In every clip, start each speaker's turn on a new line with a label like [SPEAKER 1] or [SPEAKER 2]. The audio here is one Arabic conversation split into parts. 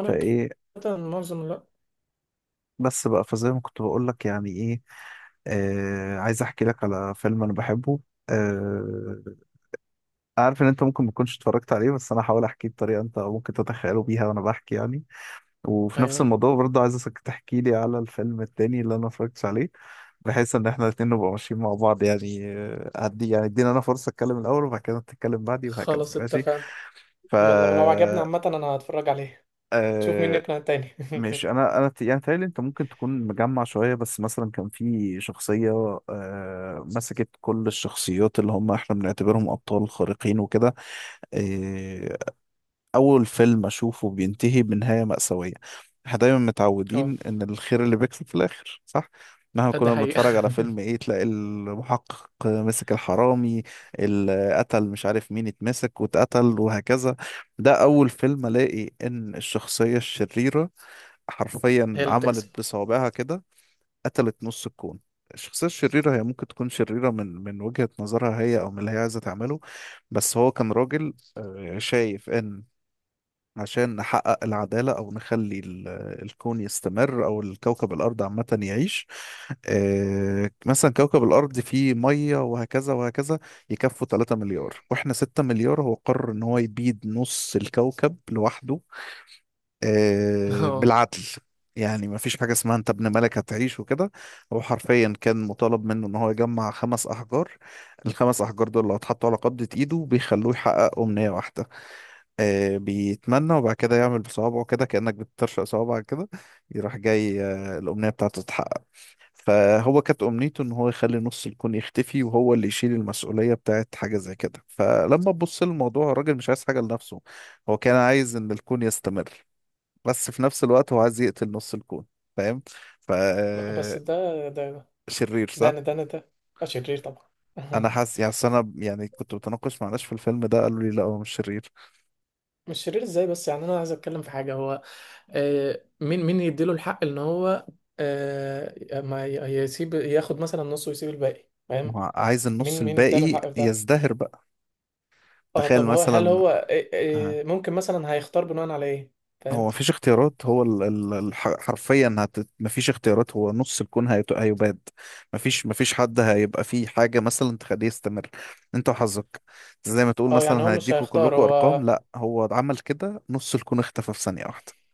[SPEAKER 1] انا
[SPEAKER 2] فايه
[SPEAKER 1] كده معظم لا.
[SPEAKER 2] بس بقى فزي ما كنت بقول لك يعني ايه. آه، عايز احكي لك على فيلم انا بحبه. آه، عارف ان انت ممكن ما تكونش اتفرجت عليه، بس انا هحاول احكيه بطريقه انت ممكن تتخيله بيها وانا بحكي يعني. وفي نفس
[SPEAKER 1] ايوه.
[SPEAKER 2] الموضوع برضه عايزك تحكي لي على الفيلم التاني اللي انا ما اتفرجتش عليه، بحيث ان احنا الاتنين نبقى ماشيين مع بعض، يعني هدي يعني ادينا انا فرصه اتكلم الاول وبعد كده تتكلم بعدي وهكذا.
[SPEAKER 1] خلاص
[SPEAKER 2] ماشي.
[SPEAKER 1] اتفقنا.
[SPEAKER 2] ف
[SPEAKER 1] يلا، ولو عجبني عامة انا هتفرج عليه. تشوف مين
[SPEAKER 2] آه،
[SPEAKER 1] يقنع التاني.
[SPEAKER 2] مش انا يعني تهيألي انت ممكن تكون مجمع شويه. بس مثلا كان في شخصيه مسكت كل الشخصيات اللي هم احنا بنعتبرهم ابطال خارقين وكده. آه، اول فيلم اشوفه بينتهي بنهايه مأساويه. احنا دايما
[SPEAKER 1] اه.
[SPEAKER 2] متعودين ان الخير اللي بيكسب في الاخر، صح؟ مهما
[SPEAKER 1] لا، دي
[SPEAKER 2] كنا
[SPEAKER 1] حقيقة.
[SPEAKER 2] بنتفرج على فيلم ايه تلاقي المحقق مسك الحرامي اللي قتل مش عارف مين، اتمسك واتقتل وهكذا. ده اول فيلم الاقي ان الشخصيه الشريره
[SPEAKER 1] هي
[SPEAKER 2] حرفيا
[SPEAKER 1] اللي
[SPEAKER 2] عملت
[SPEAKER 1] بتكسب.
[SPEAKER 2] بصوابعها كده، قتلت نص الكون. الشخصية الشريرة هي ممكن تكون شريرة من وجهة نظرها هي أو من اللي هي عايزة تعمله. بس هو كان راجل شايف إن عشان نحقق العدالة أو نخلي الكون يستمر أو الكوكب الأرض عامة يعيش. مثلا كوكب الأرض فيه مية وهكذا وهكذا، يكفوا 3 مليار وإحنا 6 مليار. هو قرر إن هو يبيد نص الكوكب لوحده،
[SPEAKER 1] اه.
[SPEAKER 2] بالعدل. يعني ما فيش حاجة اسمها انت ابن ملك هتعيش وكده. هو حرفيا كان مطالب منه ان هو يجمع خمس احجار. الخمس احجار دول لو اتحطوا على قبضة ايده بيخلوه يحقق امنية واحدة. بيتمنى وبعد كده يعمل بصوابعه كده كأنك بترشق صوابعك كده، يروح جاي الامنية بتاعته تتحقق. فهو كانت امنيته ان هو يخلي نص الكون يختفي، وهو اللي يشيل المسؤولية بتاعت حاجة زي كده. فلما تبص للموضوع، الراجل مش عايز حاجة لنفسه. هو كان عايز ان الكون يستمر، بس في نفس الوقت هو عايز يقتل نص الكون، فاهم؟ ف
[SPEAKER 1] بس ده ده
[SPEAKER 2] شرير صح.
[SPEAKER 1] ده انا ده شرير طبعا.
[SPEAKER 2] انا حاسس يعني، أصل انا يعني كنت بتناقش مع ناس في الفيلم ده قالوا لي لا هو مش شرير.
[SPEAKER 1] مش شرير ازاي؟ بس يعني انا عايز اتكلم في حاجة هو. مين يديله الحق ان هو ما يسيب ياخد مثلا نص ويسيب الباقي،
[SPEAKER 2] ما
[SPEAKER 1] فاهم؟
[SPEAKER 2] هو عايز النص
[SPEAKER 1] مين اداله
[SPEAKER 2] الباقي
[SPEAKER 1] الحق في ده؟
[SPEAKER 2] يزدهر بقى.
[SPEAKER 1] اه،
[SPEAKER 2] تخيل
[SPEAKER 1] طب هو، هل
[SPEAKER 2] مثلا.
[SPEAKER 1] هو إيه
[SPEAKER 2] آه،
[SPEAKER 1] إيه ممكن مثلا هيختار بناء على ايه؟
[SPEAKER 2] هو
[SPEAKER 1] فاهم.
[SPEAKER 2] مفيش اختيارات، هو حرفيا مفيش اختيارات، هو نص الكون هيباد. مفيش حد هيبقى فيه حاجة مثلا تخليه يستمر. انت وحظك، زي ما تقول
[SPEAKER 1] اه، يعني هو
[SPEAKER 2] مثلا
[SPEAKER 1] مش
[SPEAKER 2] هيديكوا
[SPEAKER 1] هيختار
[SPEAKER 2] كلكوا ارقام،
[SPEAKER 1] هو.
[SPEAKER 2] لا هو عمل كده نص الكون اختفى في ثانية واحدة.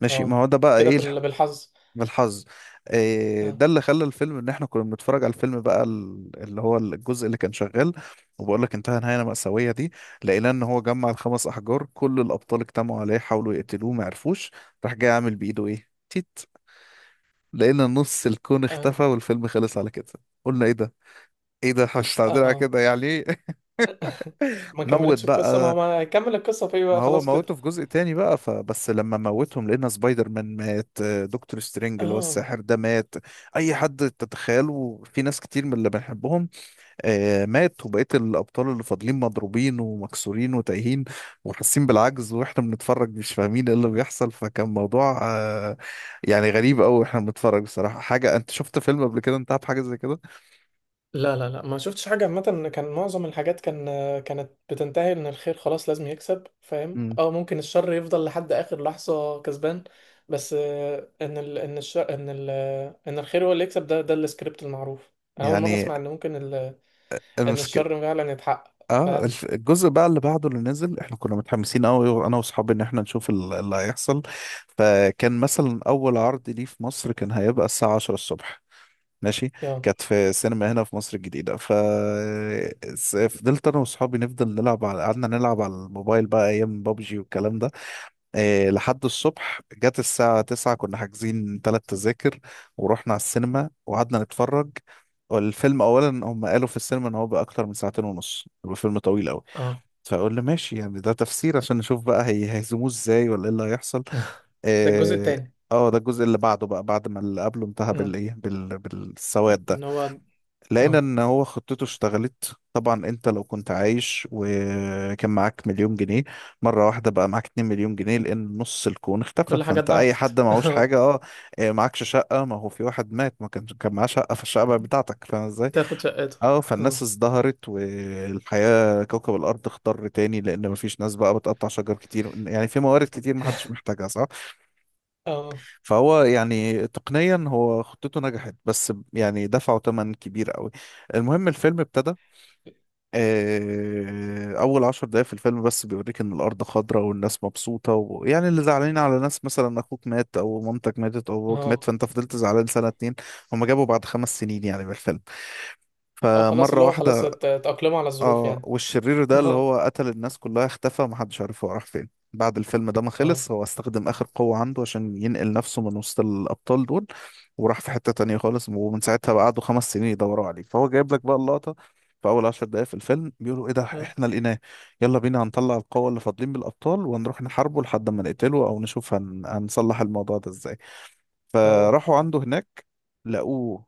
[SPEAKER 2] ماشي، ما
[SPEAKER 1] اه،
[SPEAKER 2] هو ده بقى ايه،
[SPEAKER 1] بالحظ.
[SPEAKER 2] بالحظ. إيه
[SPEAKER 1] اه.
[SPEAKER 2] ده اللي خلى الفيلم، ان احنا كنا بنتفرج على الفيلم بقى اللي هو الجزء اللي كان شغال، وبقول لك انتهى نهايه مأساويه دي. لقينا ان هو جمع الخمس احجار، كل الابطال اجتمعوا عليه حاولوا يقتلوه ما عرفوش، راح جاي عامل بايده ايه تيت، لقينا نص الكون
[SPEAKER 1] اه.
[SPEAKER 2] اختفى والفيلم خلص على كده. قلنا ايه ده، ايه ده مش تعديل على
[SPEAKER 1] اه،
[SPEAKER 2] كده يعني.
[SPEAKER 1] ما
[SPEAKER 2] نوت
[SPEAKER 1] كملتش القصة. ما هو
[SPEAKER 2] بقى.
[SPEAKER 1] ما هيكمل القصة في إيه
[SPEAKER 2] ما
[SPEAKER 1] بقى؟
[SPEAKER 2] هو
[SPEAKER 1] خلاص كده.
[SPEAKER 2] موته في جزء تاني بقى، فبس لما موتهم لقينا سبايدر مان مات، دكتور سترينج اللي هو
[SPEAKER 1] اه،
[SPEAKER 2] الساحر ده مات، اي حد تتخيله في ناس كتير من اللي بنحبهم مات. وبقيت الابطال اللي فاضلين مضروبين ومكسورين وتايهين وحاسين بالعجز، واحنا بنتفرج مش فاهمين ايه اللي بيحصل. فكان موضوع يعني غريب قوي واحنا بنتفرج بصراحة. حاجة، انت شفت فيلم قبل كده انتهى بحاجة زي كده؟
[SPEAKER 1] لا لا لا، ما شفتش حاجة. عامة كان معظم الحاجات كانت بتنتهي ان الخير خلاص لازم يكسب، فاهم؟
[SPEAKER 2] امم
[SPEAKER 1] اه، ممكن الشر يفضل لحد اخر لحظة كسبان، بس ان الخير هو اللي يكسب. ده السكريبت المعروف. انا اول مرة
[SPEAKER 2] يعني
[SPEAKER 1] اسمع ان ممكن ان
[SPEAKER 2] المشكلة.
[SPEAKER 1] الشر فعلا يتحقق،
[SPEAKER 2] اه
[SPEAKER 1] فاهم؟
[SPEAKER 2] الجزء بقى اللي بعده اللي نزل، احنا كنا متحمسين قوي انا واصحابي ان احنا نشوف اللي هيحصل. فكان مثلا اول عرض ليه في مصر كان هيبقى الساعة 10 الصبح، ماشي.
[SPEAKER 1] اه.
[SPEAKER 2] كانت في سينما هنا في مصر الجديدة. فضلت انا واصحابي نفضل نلعب على، قعدنا نلعب على الموبايل بقى ايام بابجي والكلام ده إيه، لحد الصبح جت الساعة 9 كنا حاجزين ثلاث تذاكر. ورحنا على السينما وقعدنا نتفرج. والفيلم اولا هم قالوا في السينما ان هو بقى اكتر من ساعتين ونص، الفيلم طويل قوي.
[SPEAKER 1] اه.
[SPEAKER 2] فاقول له ماشي يعني، ده تفسير عشان نشوف بقى هي هيهزموه ازاي ولا ايه اللي هيحصل.
[SPEAKER 1] ده الجزء
[SPEAKER 2] اه.
[SPEAKER 1] التاني.
[SPEAKER 2] ده الجزء اللي بعده بقى، بعد ما اللي قبله انتهى
[SPEAKER 1] اه.
[SPEAKER 2] بالايه، بالسواد ده.
[SPEAKER 1] ان هو.
[SPEAKER 2] لقينا
[SPEAKER 1] اه،
[SPEAKER 2] ان هو خطته اشتغلت. طبعا انت لو كنت عايش وكان معاك مليون جنيه، مره واحده بقى معاك 2 مليون جنيه لان نص الكون اختفى،
[SPEAKER 1] كل حاجة
[SPEAKER 2] فانت اي حد
[SPEAKER 1] اتضاعفت.
[SPEAKER 2] معهوش
[SPEAKER 1] اه.
[SPEAKER 2] حاجه. اه. معكش شقه، ما هو في واحد مات ما كانش كان معاه شقه فالشقه بقت بتاعتك، فاهم ازاي.
[SPEAKER 1] تاخد شقته.
[SPEAKER 2] اه. فالناس
[SPEAKER 1] اه.
[SPEAKER 2] ازدهرت، والحياة كوكب الأرض اخضر تاني، لأن مفيش ناس بقى بتقطع شجر كتير، يعني في موارد كتير محدش محتاجها، صح؟
[SPEAKER 1] اه.
[SPEAKER 2] فهو يعني تقنيا هو خطته نجحت، بس يعني دفعوا تمن كبير قوي. المهم الفيلم ابتدى. أول 10 دقايق في الفيلم بس بيوريك إن الأرض خضراء والناس مبسوطة، ويعني اللي زعلانين على ناس مثلا أخوك مات أو مامتك ماتت أو أبوك مات
[SPEAKER 1] اه.
[SPEAKER 2] فأنت فضلت زعلان سنة اتنين. هما جابوا بعد 5 سنين يعني من الفيلم،
[SPEAKER 1] اه، خلاص
[SPEAKER 2] فمرة
[SPEAKER 1] اللي هو خلاص
[SPEAKER 2] واحدة.
[SPEAKER 1] اتأقلموا على الظروف
[SPEAKER 2] اه.
[SPEAKER 1] يعني.
[SPEAKER 2] والشرير ده اللي
[SPEAKER 1] اه.
[SPEAKER 2] هو قتل الناس كلها اختفى، محدش عارف هو راح فين. بعد الفيلم ده ما
[SPEAKER 1] اه.
[SPEAKER 2] خلص، هو استخدم آخر قوة عنده عشان ينقل نفسه من وسط الأبطال دول، وراح في حتة تانية خالص. ومن ساعتها بقى قعدوا 5 سنين يدوروا عليه. فهو جايب لك بقى اللقطة، في أول 10 دقايق في الفيلم بيقولوا إيه ده
[SPEAKER 1] اه.
[SPEAKER 2] إحنا لقيناه، يلا بينا هنطلع القوة اللي فاضلين بالأبطال وهنروح نحاربه لحد ما نقتله أو نشوف هنصلح الموضوع ده إزاي.
[SPEAKER 1] اه،
[SPEAKER 2] فراحوا عنده هناك، لقوه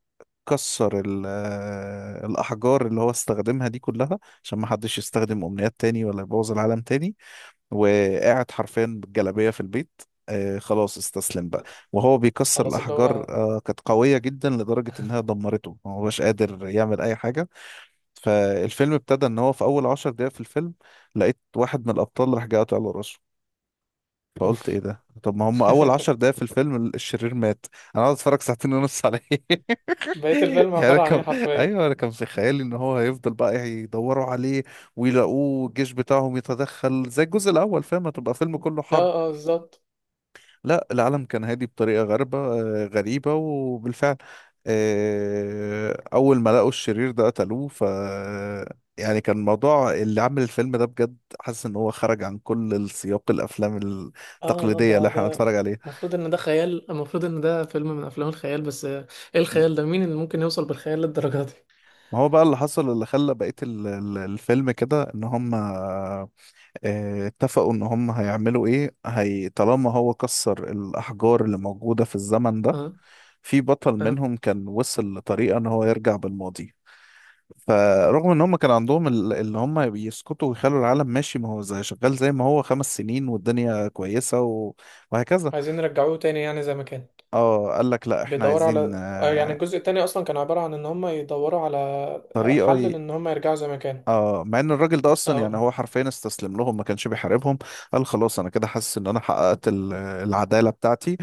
[SPEAKER 2] كسر الأحجار اللي هو استخدمها دي كلها عشان ما حدش يستخدم أمنيات تاني ولا يبوظ العالم تاني. وقاعد حرفيا بالجلابية في البيت. خلاص استسلم بقى. وهو بيكسر
[SPEAKER 1] خلاص اللي
[SPEAKER 2] الأحجار
[SPEAKER 1] هو.
[SPEAKER 2] كانت قوية جدا لدرجة إنها دمرته ما هوش قادر يعمل أي حاجة. فالفيلم ابتدى إن هو في أول عشر دقايق في الفيلم لقيت واحد من الأبطال راح جاي قاطع له راسه. فقلت ايه
[SPEAKER 1] اوف.
[SPEAKER 2] ده، طب ما هم اول عشر دقايق في الفيلم الشرير مات. انا قاعد اتفرج ساعتين ونص عليه.
[SPEAKER 1] بقية الفيلم
[SPEAKER 2] يعني انا
[SPEAKER 1] عبارة عن ايه
[SPEAKER 2] كم،
[SPEAKER 1] حرفيا؟
[SPEAKER 2] ايوه، انا كان في خيالي ان هو هيفضل بقى يدوروا عليه ويلاقوه الجيش بتاعهم يتدخل زي الجزء الاول، فاهم، هتبقى فيلم كله
[SPEAKER 1] اه.
[SPEAKER 2] حرب.
[SPEAKER 1] اه، بالظبط.
[SPEAKER 2] لا، العالم كان هادي بطريقه غريبه، غريبه وبالفعل. اول ما لقوا الشرير ده قتلوه. يعني كان الموضوع، اللي عامل الفيلم ده بجد حاسس ان هو خرج عن كل السياق، الافلام
[SPEAKER 1] اه،
[SPEAKER 2] التقليديه
[SPEAKER 1] ده
[SPEAKER 2] اللي احنا
[SPEAKER 1] ده
[SPEAKER 2] بنتفرج عليها.
[SPEAKER 1] المفروض ان ده خيال. المفروض ان ده فيلم من افلام الخيال، بس ايه
[SPEAKER 2] مم.
[SPEAKER 1] الخيال ده؟ مين اللي ممكن يوصل بالخيال للدرجة دي؟
[SPEAKER 2] ما هو بقى اللي حصل اللي خلى بقية الفيلم كده، ان هم اتفقوا ان هم هيعملوا ايه هي، طالما هو كسر الاحجار اللي موجودة في الزمن ده.
[SPEAKER 1] اه.
[SPEAKER 2] في بطل
[SPEAKER 1] اه،
[SPEAKER 2] منهم كان وصل لطريقة ان هو يرجع بالماضي. فرغم ان هم كان عندهم اللي هم يسكتوا ويخلوا العالم ماشي ما هو زي شغال، زي ما هو 5 سنين والدنيا كويسة وهكذا.
[SPEAKER 1] عايزين يرجعوه تاني يعني زي ما كان.
[SPEAKER 2] اه، قال لك لا احنا
[SPEAKER 1] بيدوروا
[SPEAKER 2] عايزين
[SPEAKER 1] على، يعني الجزء التاني اصلا كان عبارة عن ان هم يدوروا على حل
[SPEAKER 2] طريقة.
[SPEAKER 1] لان هم يرجعوا زي ما كانوا.
[SPEAKER 2] اه، مع ان الراجل ده اصلا يعني
[SPEAKER 1] اه.
[SPEAKER 2] هو حرفيا استسلم لهم ما كانش بيحاربهم. قال خلاص انا كده حاسس ان انا حققت العداله بتاعتي،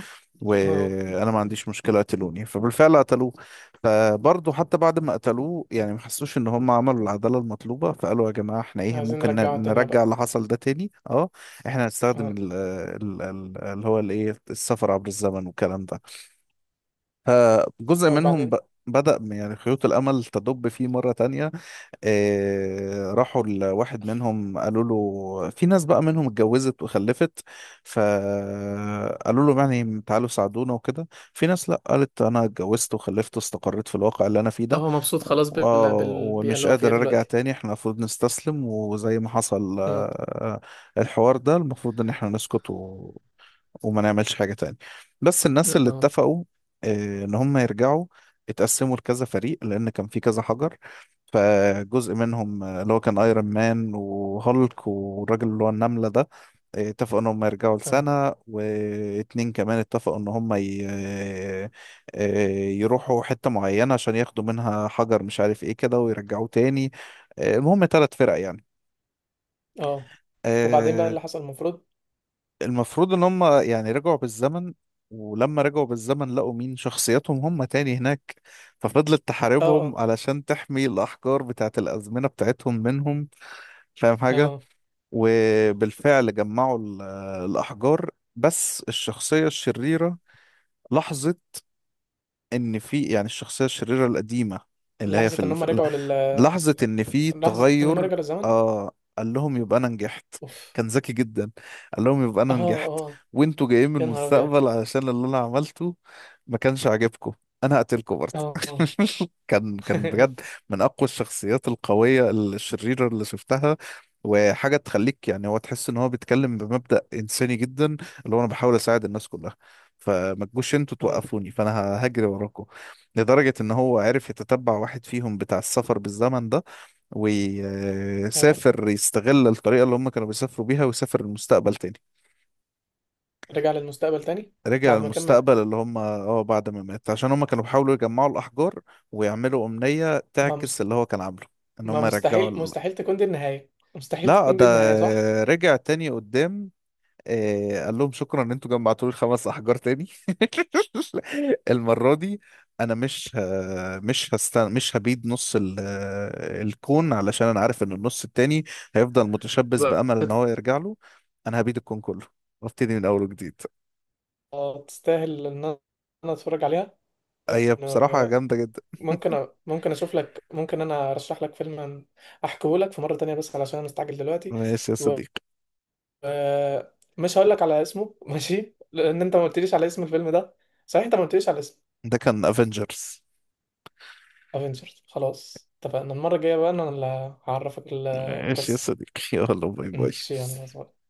[SPEAKER 1] اه،
[SPEAKER 2] وانا ما عنديش مشكله قتلوني. فبالفعل قتلوه. فبرضه حتى بعد ما قتلوه يعني ما حسوش ان هم عملوا العداله المطلوبه، فقالوا يا جماعه احنا ايه
[SPEAKER 1] عايزين
[SPEAKER 2] ممكن
[SPEAKER 1] نرجعه الدنيا
[SPEAKER 2] نرجع
[SPEAKER 1] بقى.
[SPEAKER 2] اللي حصل ده تاني. اه، احنا هنستخدم
[SPEAKER 1] اه.
[SPEAKER 2] اللي هو الايه السفر عبر الزمن والكلام ده. فجزء
[SPEAKER 1] او
[SPEAKER 2] منهم
[SPEAKER 1] بعدين.
[SPEAKER 2] بدأ يعني خيوط الامل تدب فيه مره تانية. راحوا لواحد منهم قالوا له في ناس بقى منهم اتجوزت وخلفت، فقالوا له يعني تعالوا ساعدونا وكده. في ناس لا، قالت انا اتجوزت وخلفت واستقريت في الواقع اللي انا فيه
[SPEAKER 1] اه،
[SPEAKER 2] ده
[SPEAKER 1] هو مبسوط خلاص
[SPEAKER 2] و- آه،
[SPEAKER 1] بالبيئة
[SPEAKER 2] ومش
[SPEAKER 1] اللي هو فيها
[SPEAKER 2] قادر ارجع
[SPEAKER 1] دلوقتي.
[SPEAKER 2] تاني، احنا المفروض نستسلم وزي ما حصل.
[SPEAKER 1] اه.
[SPEAKER 2] الحوار ده المفروض ان احنا نسكت، وما نعملش حاجة تاني. بس الناس اللي
[SPEAKER 1] اه.
[SPEAKER 2] اتفقوا ان هم يرجعوا، اتقسموا لكذا فريق لان كان في كذا حجر. فجزء منهم اللي هو كان ايرون مان وهولك والراجل اللي هو النملة ده، اتفقوا ان هم يرجعوا
[SPEAKER 1] اه.
[SPEAKER 2] لسنة واتنين كمان. اتفقوا ان هم ي... آه، آه، يروحوا حتة معينة عشان ياخدوا منها حجر مش عارف ايه كده ويرجعوه تاني. المهم تلات فرق يعني.
[SPEAKER 1] اه. وبعدين بقى
[SPEAKER 2] آه،
[SPEAKER 1] اللي حصل المفروض.
[SPEAKER 2] المفروض ان هم يعني رجعوا بالزمن. ولما رجعوا بالزمن لقوا مين، شخصياتهم هم تاني هناك، ففضلت
[SPEAKER 1] اه.
[SPEAKER 2] تحاربهم
[SPEAKER 1] اه.
[SPEAKER 2] علشان تحمي الأحجار بتاعت الأزمنة بتاعتهم منهم، فاهم حاجة.
[SPEAKER 1] اه.
[SPEAKER 2] وبالفعل جمعوا الأحجار. بس الشخصية الشريرة لاحظت ان في، يعني الشخصيه الشريره القديمه اللي هي
[SPEAKER 1] لحظة ان هم رجعوا لل
[SPEAKER 2] لحظه ان في
[SPEAKER 1] لحظة ان هم
[SPEAKER 2] تغير.
[SPEAKER 1] رجعوا للزمن.
[SPEAKER 2] آه قال لهم يبقى انا نجحت.
[SPEAKER 1] اوف.
[SPEAKER 2] كان ذكي جدا. قال لهم يبقى
[SPEAKER 1] اه.
[SPEAKER 2] انا نجحت،
[SPEAKER 1] اه.
[SPEAKER 2] وانتوا جايين من
[SPEAKER 1] يا نهار ابيض.
[SPEAKER 2] المستقبل علشان اللي انا عملته ما كانش عاجبكم، انا هقتلكم برضه.
[SPEAKER 1] اه. اه.
[SPEAKER 2] كان بجد من اقوى الشخصيات القويه الشريره اللي شفتها. وحاجه تخليك يعني هو، تحس ان هو بيتكلم بمبدأ انساني جدا، اللي هو انا بحاول اساعد الناس كلها، فما تجوش انتوا
[SPEAKER 1] اه.
[SPEAKER 2] توقفوني، فانا هجري وراكم. لدرجة ان هو عرف يتتبع واحد فيهم بتاع السفر بالزمن ده،
[SPEAKER 1] ايوه.
[SPEAKER 2] ويسافر يستغل الطريقة اللي هم كانوا بيسافروا بيها ويسافر المستقبل تاني.
[SPEAKER 1] رجع للمستقبل تاني.
[SPEAKER 2] رجع
[SPEAKER 1] بعد ما كان مات.
[SPEAKER 2] المستقبل اللي هم، اه، بعد ما مات عشان هم كانوا بيحاولوا يجمعوا الأحجار ويعملوا أمنية
[SPEAKER 1] ما
[SPEAKER 2] تعكس
[SPEAKER 1] مست...
[SPEAKER 2] اللي هو كان عامله، ان
[SPEAKER 1] ما
[SPEAKER 2] هم يرجعوا
[SPEAKER 1] مستحيل، مستحيل تكون دي النهاية. مستحيل
[SPEAKER 2] لا
[SPEAKER 1] تكون دي
[SPEAKER 2] ده
[SPEAKER 1] النهاية، صح؟
[SPEAKER 2] رجع تاني قدام. قال لهم شكرا ان انتوا جمعتوا لي الخمس احجار تاني. المره دي انا مش ه... مش هستن... مش هبيد نص ال... آه، الكون، علشان انا عارف ان النص التاني هيفضل متشبث بامل ان هو يرجع له، انا هبيد الكون كله وابتدي من اول وجديد.
[SPEAKER 1] آه، تستاهل ان انا أنا اتفرج عليها.
[SPEAKER 2] هي بصراحه
[SPEAKER 1] آه،
[SPEAKER 2] جامده جدا.
[SPEAKER 1] ممكن اشوف لك. ممكن انا ارشح لك فيلم احكيه لك في مرة تانية، بس علشان انا مستعجل دلوقتي.
[SPEAKER 2] ماشي يا
[SPEAKER 1] و...
[SPEAKER 2] صديقي.
[SPEAKER 1] آه، مش هقول لك على اسمه. ماشي، لان انت ما قلتليش على اسم الفيلم ده. صحيح، انت ما قلتليش على اسم.
[SPEAKER 2] ده كان افنجرز.
[SPEAKER 1] افنجرز. خلاص اتفقنا، المرة الجاية بقى انا اللي هعرفك
[SPEAKER 2] ماشي يا
[SPEAKER 1] القصة.
[SPEAKER 2] صديقي، يلا باي باي.
[SPEAKER 1] ماشي، يلا باي.